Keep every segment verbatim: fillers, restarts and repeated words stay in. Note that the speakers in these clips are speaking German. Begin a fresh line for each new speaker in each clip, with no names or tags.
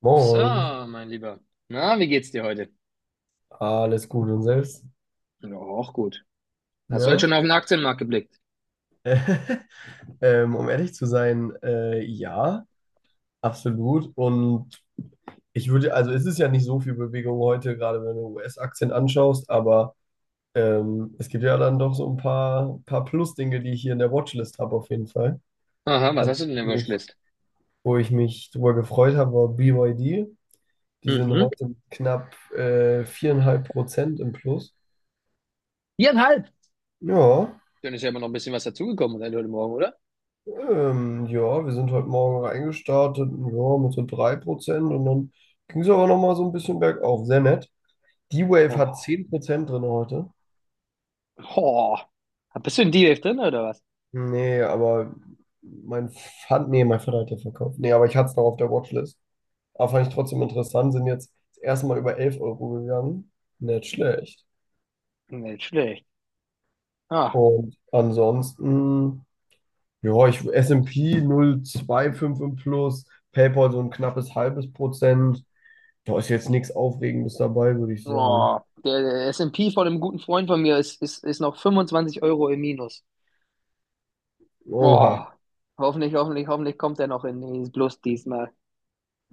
Moin,
So, mein Lieber. Na, wie geht's dir heute?
alles gut und selbst?
Ja, auch gut. Hast du heute
Ja,
schon auf den Aktienmarkt geblickt?
ähm, um ehrlich zu sein, äh, ja, absolut. Und ich würde, also es ist ja nicht so viel Bewegung heute, gerade wenn du U S-Aktien anschaust, aber ähm, es gibt ja dann doch so ein paar, paar Plus-Dinge, die ich hier in der Watchlist habe, auf jeden Fall.
Aha, was
Also,
hast du denn in der
mich,
Watchlist?
wo ich mich drüber gefreut habe, war B Y D. Die sind
Mhm.
heute mit knapp äh, vier Komma fünf Prozent im Plus.
Viereinhalb.
Ja.
Dann ist ja immer noch ein bisschen was dazugekommen seit heute Morgen, oder?
Ähm, ja, wir sind heute Morgen reingestartet, ja, mit so drei Prozent und dann ging es aber nochmal so ein bisschen bergauf. Sehr nett. D-Wave hat
Oh,
zehn Prozent drin heute.
oh. Bist du in D-Wave drin oder was?
Nee, aber mein Vater, nee, mein Vater hat ja verkauft. Nee, aber ich hatte es noch auf der Watchlist. Aber fand ich trotzdem interessant, sind jetzt das erste Mal über elf Euro gegangen. Nicht schlecht.
Nicht schlecht. Ah.
Und ansonsten, ja, ich S und P null S und P null Komma zwei fünf und plus, PayPal so ein knappes halbes Prozent. Da ist jetzt nichts Aufregendes dabei, würde ich sagen.
Oh, der, der S und P von einem guten Freund von mir ist, ist, ist noch fünfundzwanzig Euro im Minus. Oh,
Oha.
hoffentlich, hoffentlich, hoffentlich kommt er noch in den Plus diesmal.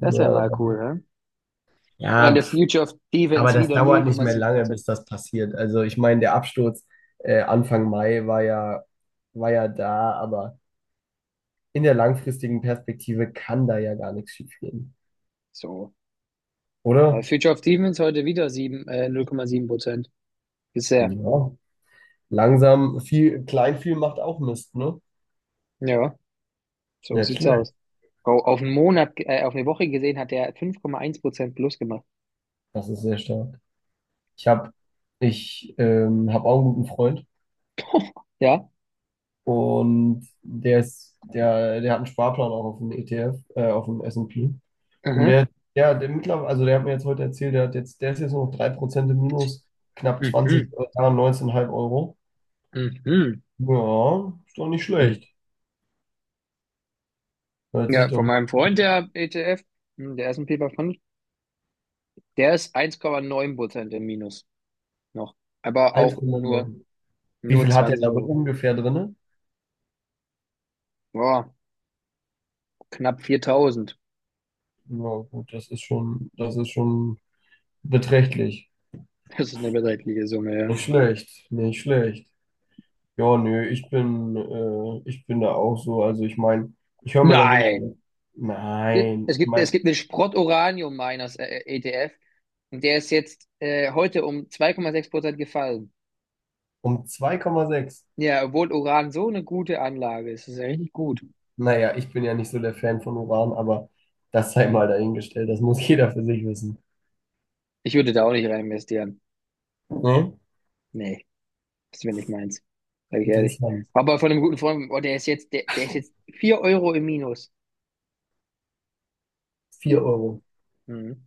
Das wäre mal
Ja,
cool, ne? Und
ja,
das
pf,
Future of
aber
Defense
das
wieder
dauert nicht mehr lange,
null Komma sieben Prozent.
bis das passiert. Also ich meine, der Absturz äh, Anfang Mai war ja, war ja da, aber in der langfristigen Perspektive kann da ja gar nichts schief gehen,
So. Aber
oder?
Future of Demons heute wieder sieben, äh, null Komma sieben Prozent. Bisher.
Ja. Langsam, viel, klein viel macht auch Mist, ne?
Ja, so
Nicht
sieht's
schlecht.
aus. Oh, auf einen Monat, ge- äh, auf eine Woche gesehen hat er fünf Komma eins Prozent plus gemacht.
Das ist sehr stark. Ich habe ich ähm, hab auch einen guten Freund.
Ja?
Und der ist, der, der hat einen Sparplan auch auf dem E T F, äh, auf dem S und P. Und P. Und
Aha.
der, der, der mittlerweile, also der hat mir jetzt heute erzählt, der hat jetzt, der ist jetzt nur noch drei Prozent im Minus, knapp zwanzig
Mhm.
äh, neunzehn Komma fünf Euro.
Mhm.
Ja, ist doch nicht
Mhm.
schlecht. Hört sich
Ja, von
doch
meinem Freund, der E T F, hm, der S und P fünfhundert, der ist eins Komma neun Prozent im Minus noch. Aber auch nur,
eins Komma neun. Wie
nur
viel hat er
zwanzig
da wohl
Euro.
ungefähr drinne?
Boah, knapp viertausend.
Ja, gut, das ist schon, das ist schon beträchtlich.
Das ist eine beträchtliche Summe, ja.
Nicht schlecht, nicht schlecht. Ja, nö, ich bin, äh, ich bin da auch so. Also ich meine, ich höre mir das immer
Nein!
an.
Äh,
Nein,
Es
ich
gibt, es
meine,
gibt einen Sprott-Uranium-Miners, äh, E T F. Und der ist jetzt äh, heute um zwei Komma sechs Prozent gefallen.
um zwei Komma sechs.
Ja, obwohl Uran so eine gute Anlage ist. Das ist ja richtig gut.
Naja, ich bin ja nicht so der Fan von Uran, aber das sei mal dahingestellt. Das muss jeder für sich wissen.
Ich würde da auch nicht rein investieren.
Ne?
Nee, das wäre nicht meins. Sag ich ehrlich.
Interessant.
Aber von einem guten Freund, oh, der ist jetzt, der, der ist jetzt vier Euro im Minus.
Vier Euro.
Mhm.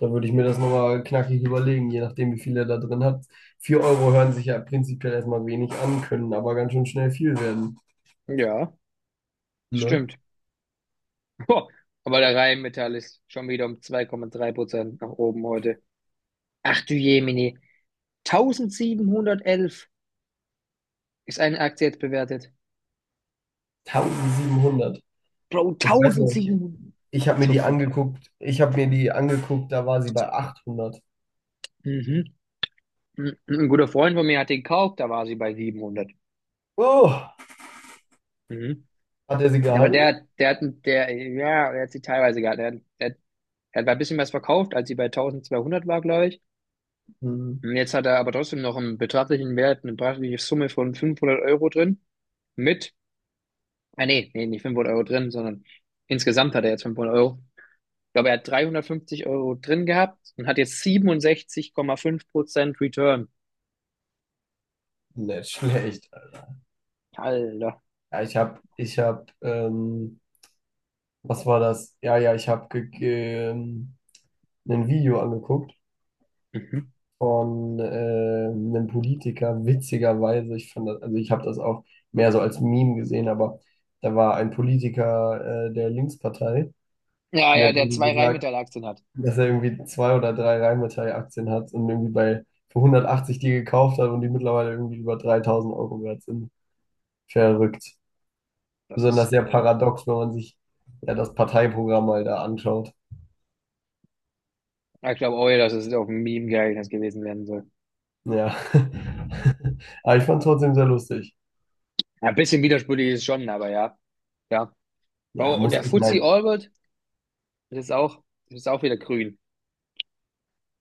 Da würde ich mir das nochmal knackig überlegen, je nachdem, wie viel er da drin hat. Vier Euro hören sich ja prinzipiell erstmal wenig an, können aber ganz schön schnell viel werden.
Ja,
Ne?
stimmt. Boah. Aber der Rheinmetall ist schon wieder um zwei Komma drei Prozent nach oben heute. Ach du Jemini, siebzehnhundertelf ist eine Aktie jetzt bewertet.
siebzehnhundert.
Bro,
Ich weiß noch nicht.
eintausendsiebenhundert.
Ich habe mir die
Zucker.
angeguckt, ich habe mir die angeguckt, da war sie bei achthundert.
Mhm. Ein ein guter Freund von mir hat den gekauft, da war sie bei siebenhundert.
Oh,
Mhm.
hat er sie
Aber der,
gehalten?
hat- der hat, der, ja, der hat sie teilweise gehabt. Der, hat- der, hat- der hat ein bisschen was verkauft, als sie bei zwölfhundert war, glaube ich.
Hm,
Und jetzt hat er aber trotzdem noch einen beträchtlichen Wert, eine beträchtliche Summe von fünfhundert Euro drin. Mit, ah, nee, nee, nicht fünfhundert Euro drin, sondern insgesamt hat er jetzt fünfhundert Euro. Ich glaube, er hat dreihundertfünfzig Euro drin gehabt und hat jetzt siebenundsechzig Komma fünf Prozent Return.
nicht schlecht.
Alter.
Ja, ich habe, ich habe, ähm, was war das? Ja, ja, ich habe ge ge- ähm, ein Video angeguckt
Mhm.
von äh, einem Politiker, witzigerweise. Ich fand das, also ich habe das auch mehr so als Meme gesehen, aber da war ein Politiker äh, der Linkspartei
Ja,
und der
ja,
hat
der
irgendwie
zwei
gesagt,
Rheinmetall-Aktien hat.
dass er irgendwie zwei oder drei Rheinmetall-Aktien hat und irgendwie bei für hundertachtzig die gekauft hat und die mittlerweile irgendwie über dreitausend Euro wert sind. Verrückt.
Das
Besonders
ist,
sehr paradox, wenn man sich ja das Parteiprogramm mal da anschaut.
ja, ich glaube auch, dass es auf ein Meme geeignet gewesen werden soll.
Ja. Aber ich fand es trotzdem sehr lustig.
Ja, ein bisschen widersprüchlich ist es schon, aber ja. Ja.
Ja,
Oh, und
muss
der
ich
Fuzzy
meinen,
Albert, das ist auch, das ist auch wieder grün.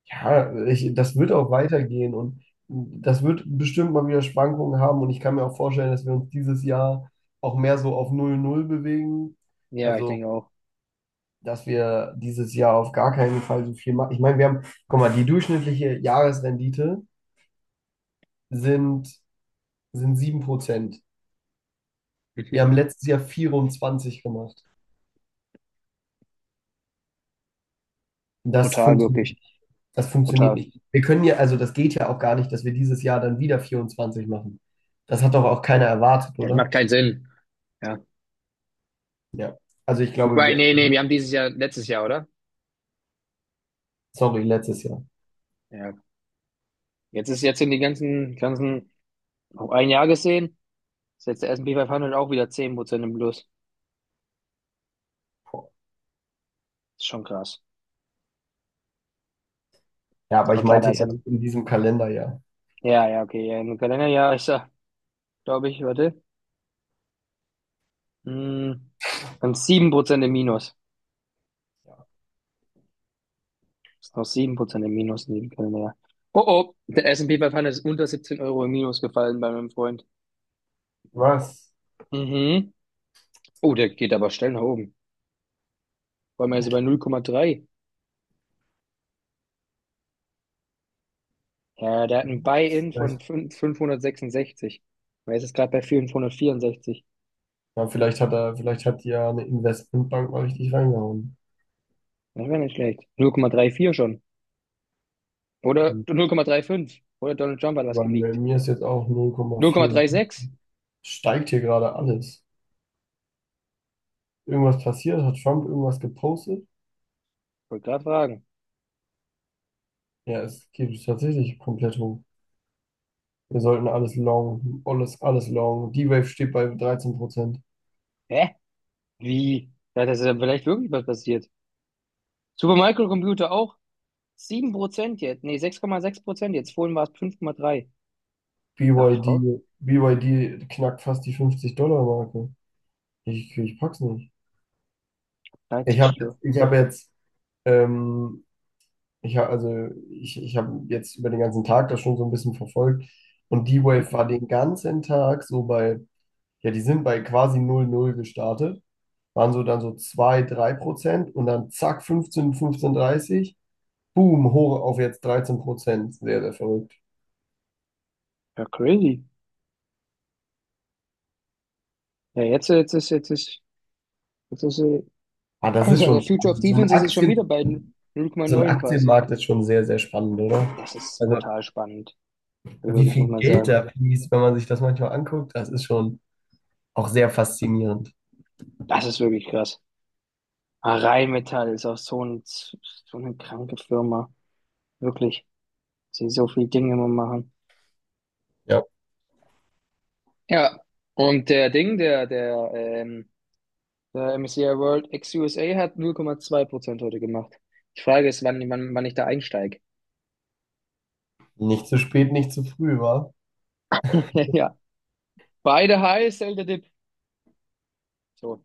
ja, ich, das wird auch weitergehen und das wird bestimmt mal wieder Schwankungen haben und ich kann mir auch vorstellen, dass wir uns dieses Jahr auch mehr so auf null null bewegen.
Ja, ich denke
Also
auch.
dass wir dieses Jahr auf gar keinen Fall so viel machen. Ich meine, wir haben, guck mal, die durchschnittliche Jahresrendite sind, sind sieben Prozent. Wir haben
Mhm.
letztes Jahr vierundzwanzig gemacht. Das
Brutal,
funktioniert
wirklich.
nicht. Das funktioniert
Brutal.
nicht. Wir können ja, also das geht ja auch gar nicht, dass wir dieses Jahr dann wieder vierundzwanzig machen. Das hat doch auch keiner erwartet,
Das macht
oder?
keinen Sinn. Ja.
Ja. Also ich glaube,
Wobei,
wir,
nee, nee, wir haben dieses Jahr, letztes Jahr, oder?
sorry, letztes Jahr.
Ja. Jetzt ist, jetzt sind die ganzen, ganzen, auf ein Jahr gesehen, ist jetzt der S und P fünfhundert auch wieder zehn Prozent im Plus. Ist schon krass.
Ja, aber
Aber
ich
klar,
meinte
da ist
eher so
ein,
in diesem Kalenderjahr.
ja, ja, okay, ja, im Kalenderjahr ist er, glaube ich, warte. Mm, Dann sieben Prozent im Minus.
Ja.
Ist noch sieben Prozent im Minus in dem Kalender. Oh oh, der S S&P fünfhundert ist unter siebzehn Euro im Minus gefallen bei meinem Freund.
Was?
Mhm. Oh, der geht aber schnell nach oben. Vor allem ist er bei null Komma drei. Ja, der hat ein Buy-in von
Ja.
5, fünfhundertsechsundsechzig. Er ist jetzt gerade bei fünfhundertvierundsechzig.
Ja, vielleicht hat er, vielleicht hat die ja eine Investmentbank mal richtig reingehauen.
Das wäre nicht schlecht. null Komma vierunddreißig schon. Oder null Komma drei fünf. Oder Donald Trump hat was
Aber bei
geleakt.
mir ist jetzt auch null Komma vier.
null Komma sechsunddreißig?
Steigt hier gerade alles. Irgendwas passiert? Hat Trump irgendwas gepostet?
Wollte gerade fragen.
Ja, es geht tatsächlich komplett hoch. Wir sollten alles long, alles, alles long. D-Wave steht bei dreizehn Prozent.
Hä? Wie? Ja, das ist ja vielleicht wirklich was passiert. Super Microcomputer auch sieben Prozent jetzt. Nee, sechs sechs Komma sechs Prozent jetzt. Vorhin war es fünf Komma drei. Ja, voll.
BYD, B Y D knackt fast die fünfzig dollar marke. Ich, ich pack's nicht. Ich habe jetzt, ich hab jetzt ähm, Ich habe also ich, ich habe jetzt über den ganzen Tag das schon so ein bisschen verfolgt und
Hm?
D-Wave war den ganzen Tag so bei, ja, die sind bei quasi null null gestartet, waren so dann so zwei drei Prozent und dann zack fünfzehn fünfzehn dreißig boom, hoch auf jetzt dreizehn Prozent. Sehr, sehr verrückt.
Ja, crazy. Ja, jetzt, jetzt ist, jetzt ist, jetzt ist, äh,
Ah, das ist
also
schon
der Future of
spannend. So ein
Defense ist jetzt schon wieder
Aktien,
bei null Komma
so ein
neun fast.
Aktienmarkt ist schon sehr, sehr spannend, oder?
Das ist
Also,
brutal spannend. Also
wie
wirklich,
viel
muss man
Geld
sagen.
da fließt, wenn man sich das manchmal anguckt, das ist schon auch sehr faszinierend.
Das ist wirklich krass. Ah, Rheinmetall ist auch so ein, so eine kranke Firma. Wirklich. Sie so viele Dinge immer machen.
Ja,
Ja. Und der Ding, der, der, ähm, Der M S C I World ex-U S A hat null Komma zwei Prozent heute gemacht. Die Frage ist, wann, wann, wann ich da einsteige.
nicht zu spät, nicht zu früh, wa?
Ja, beide the high, sell the dip. So,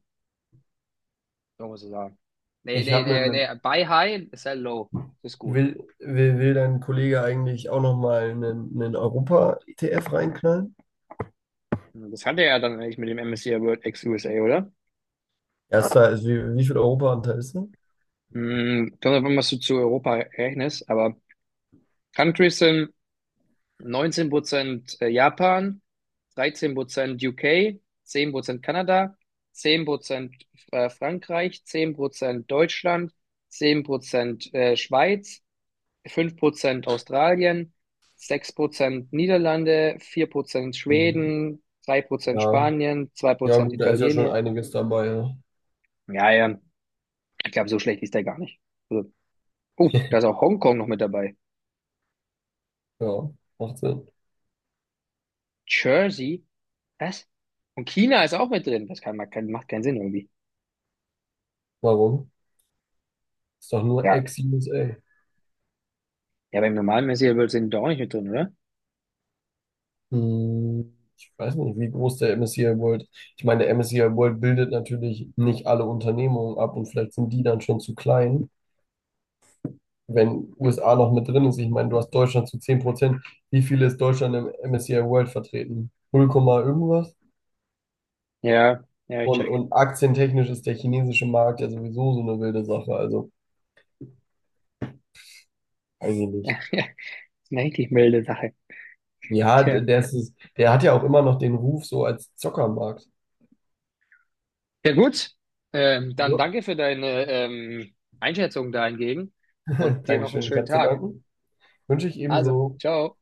so muss ich sagen. Nee,
Ich
nee,
habe
nee,
einen,
nee, buy high, sell low. Das ist gut.
will, will, will dein Kollege eigentlich auch nochmal einen, einen Europa-E T F reinknallen?
Das hatte er ja dann eigentlich mit dem M S C I World ex-U S A, oder?
Erster, also wie, wie viel Europa-Anteil ist da?
Hm, kommt davon, was du zu Europa rechnest, aber Countries sind neunzehn Prozent Japan, dreizehn Prozent U K, Prozent Kanada, zehn Prozent äh, Frankreich, zehn Prozent Deutschland, zehn Prozent äh, Schweiz, fünf Prozent Australien, sechs Prozent Niederlande, vier Prozent
Mhm.
Schweden, drei Prozent
Ja.
Spanien, zwei
Ja,
Prozent
gut, da ist ja schon
Italien.
einiges dabei. Ja,
Ja, ja, ich glaube, so schlecht ist der gar nicht. Also, oh, da ist auch Hongkong noch mit dabei.
ja macht Sinn.
Jersey, was? Und China ist auch mit drin. Das kann, macht keinen Sinn irgendwie.
Warum? Ist doch nur
Ja,
Ex-U S A.
ja beim normalen Messier-World sind die doch auch nicht mit drin, oder?
Hm, ich weiß nicht, wie groß der M S C I World. Ich meine, der M S C I World bildet natürlich nicht alle Unternehmungen ab und vielleicht sind die dann schon zu klein. Wenn U S A noch mit drin ist, ich meine, du hast Deutschland zu zehn Prozent, wie viel ist Deutschland im M S C I World vertreten? null, irgendwas?
Ja, ja, ich
Und,
check.
und aktientechnisch ist der chinesische Markt ja sowieso so eine wilde Sache, also weiß ich nicht.
Ja, ist eine richtig milde Sache.
Ja,
Tja.
d- der ist, es- der hat ja auch immer noch den Ruf so als Zockermarkt.
Ja, gut. Ähm, dann
Ja.
danke für deine ähm, Einschätzung dahingegen und dir noch einen
Dankeschön, ich
schönen
habe zu
Tag.
danken. Wünsche ich
Also,
ebenso.
ciao.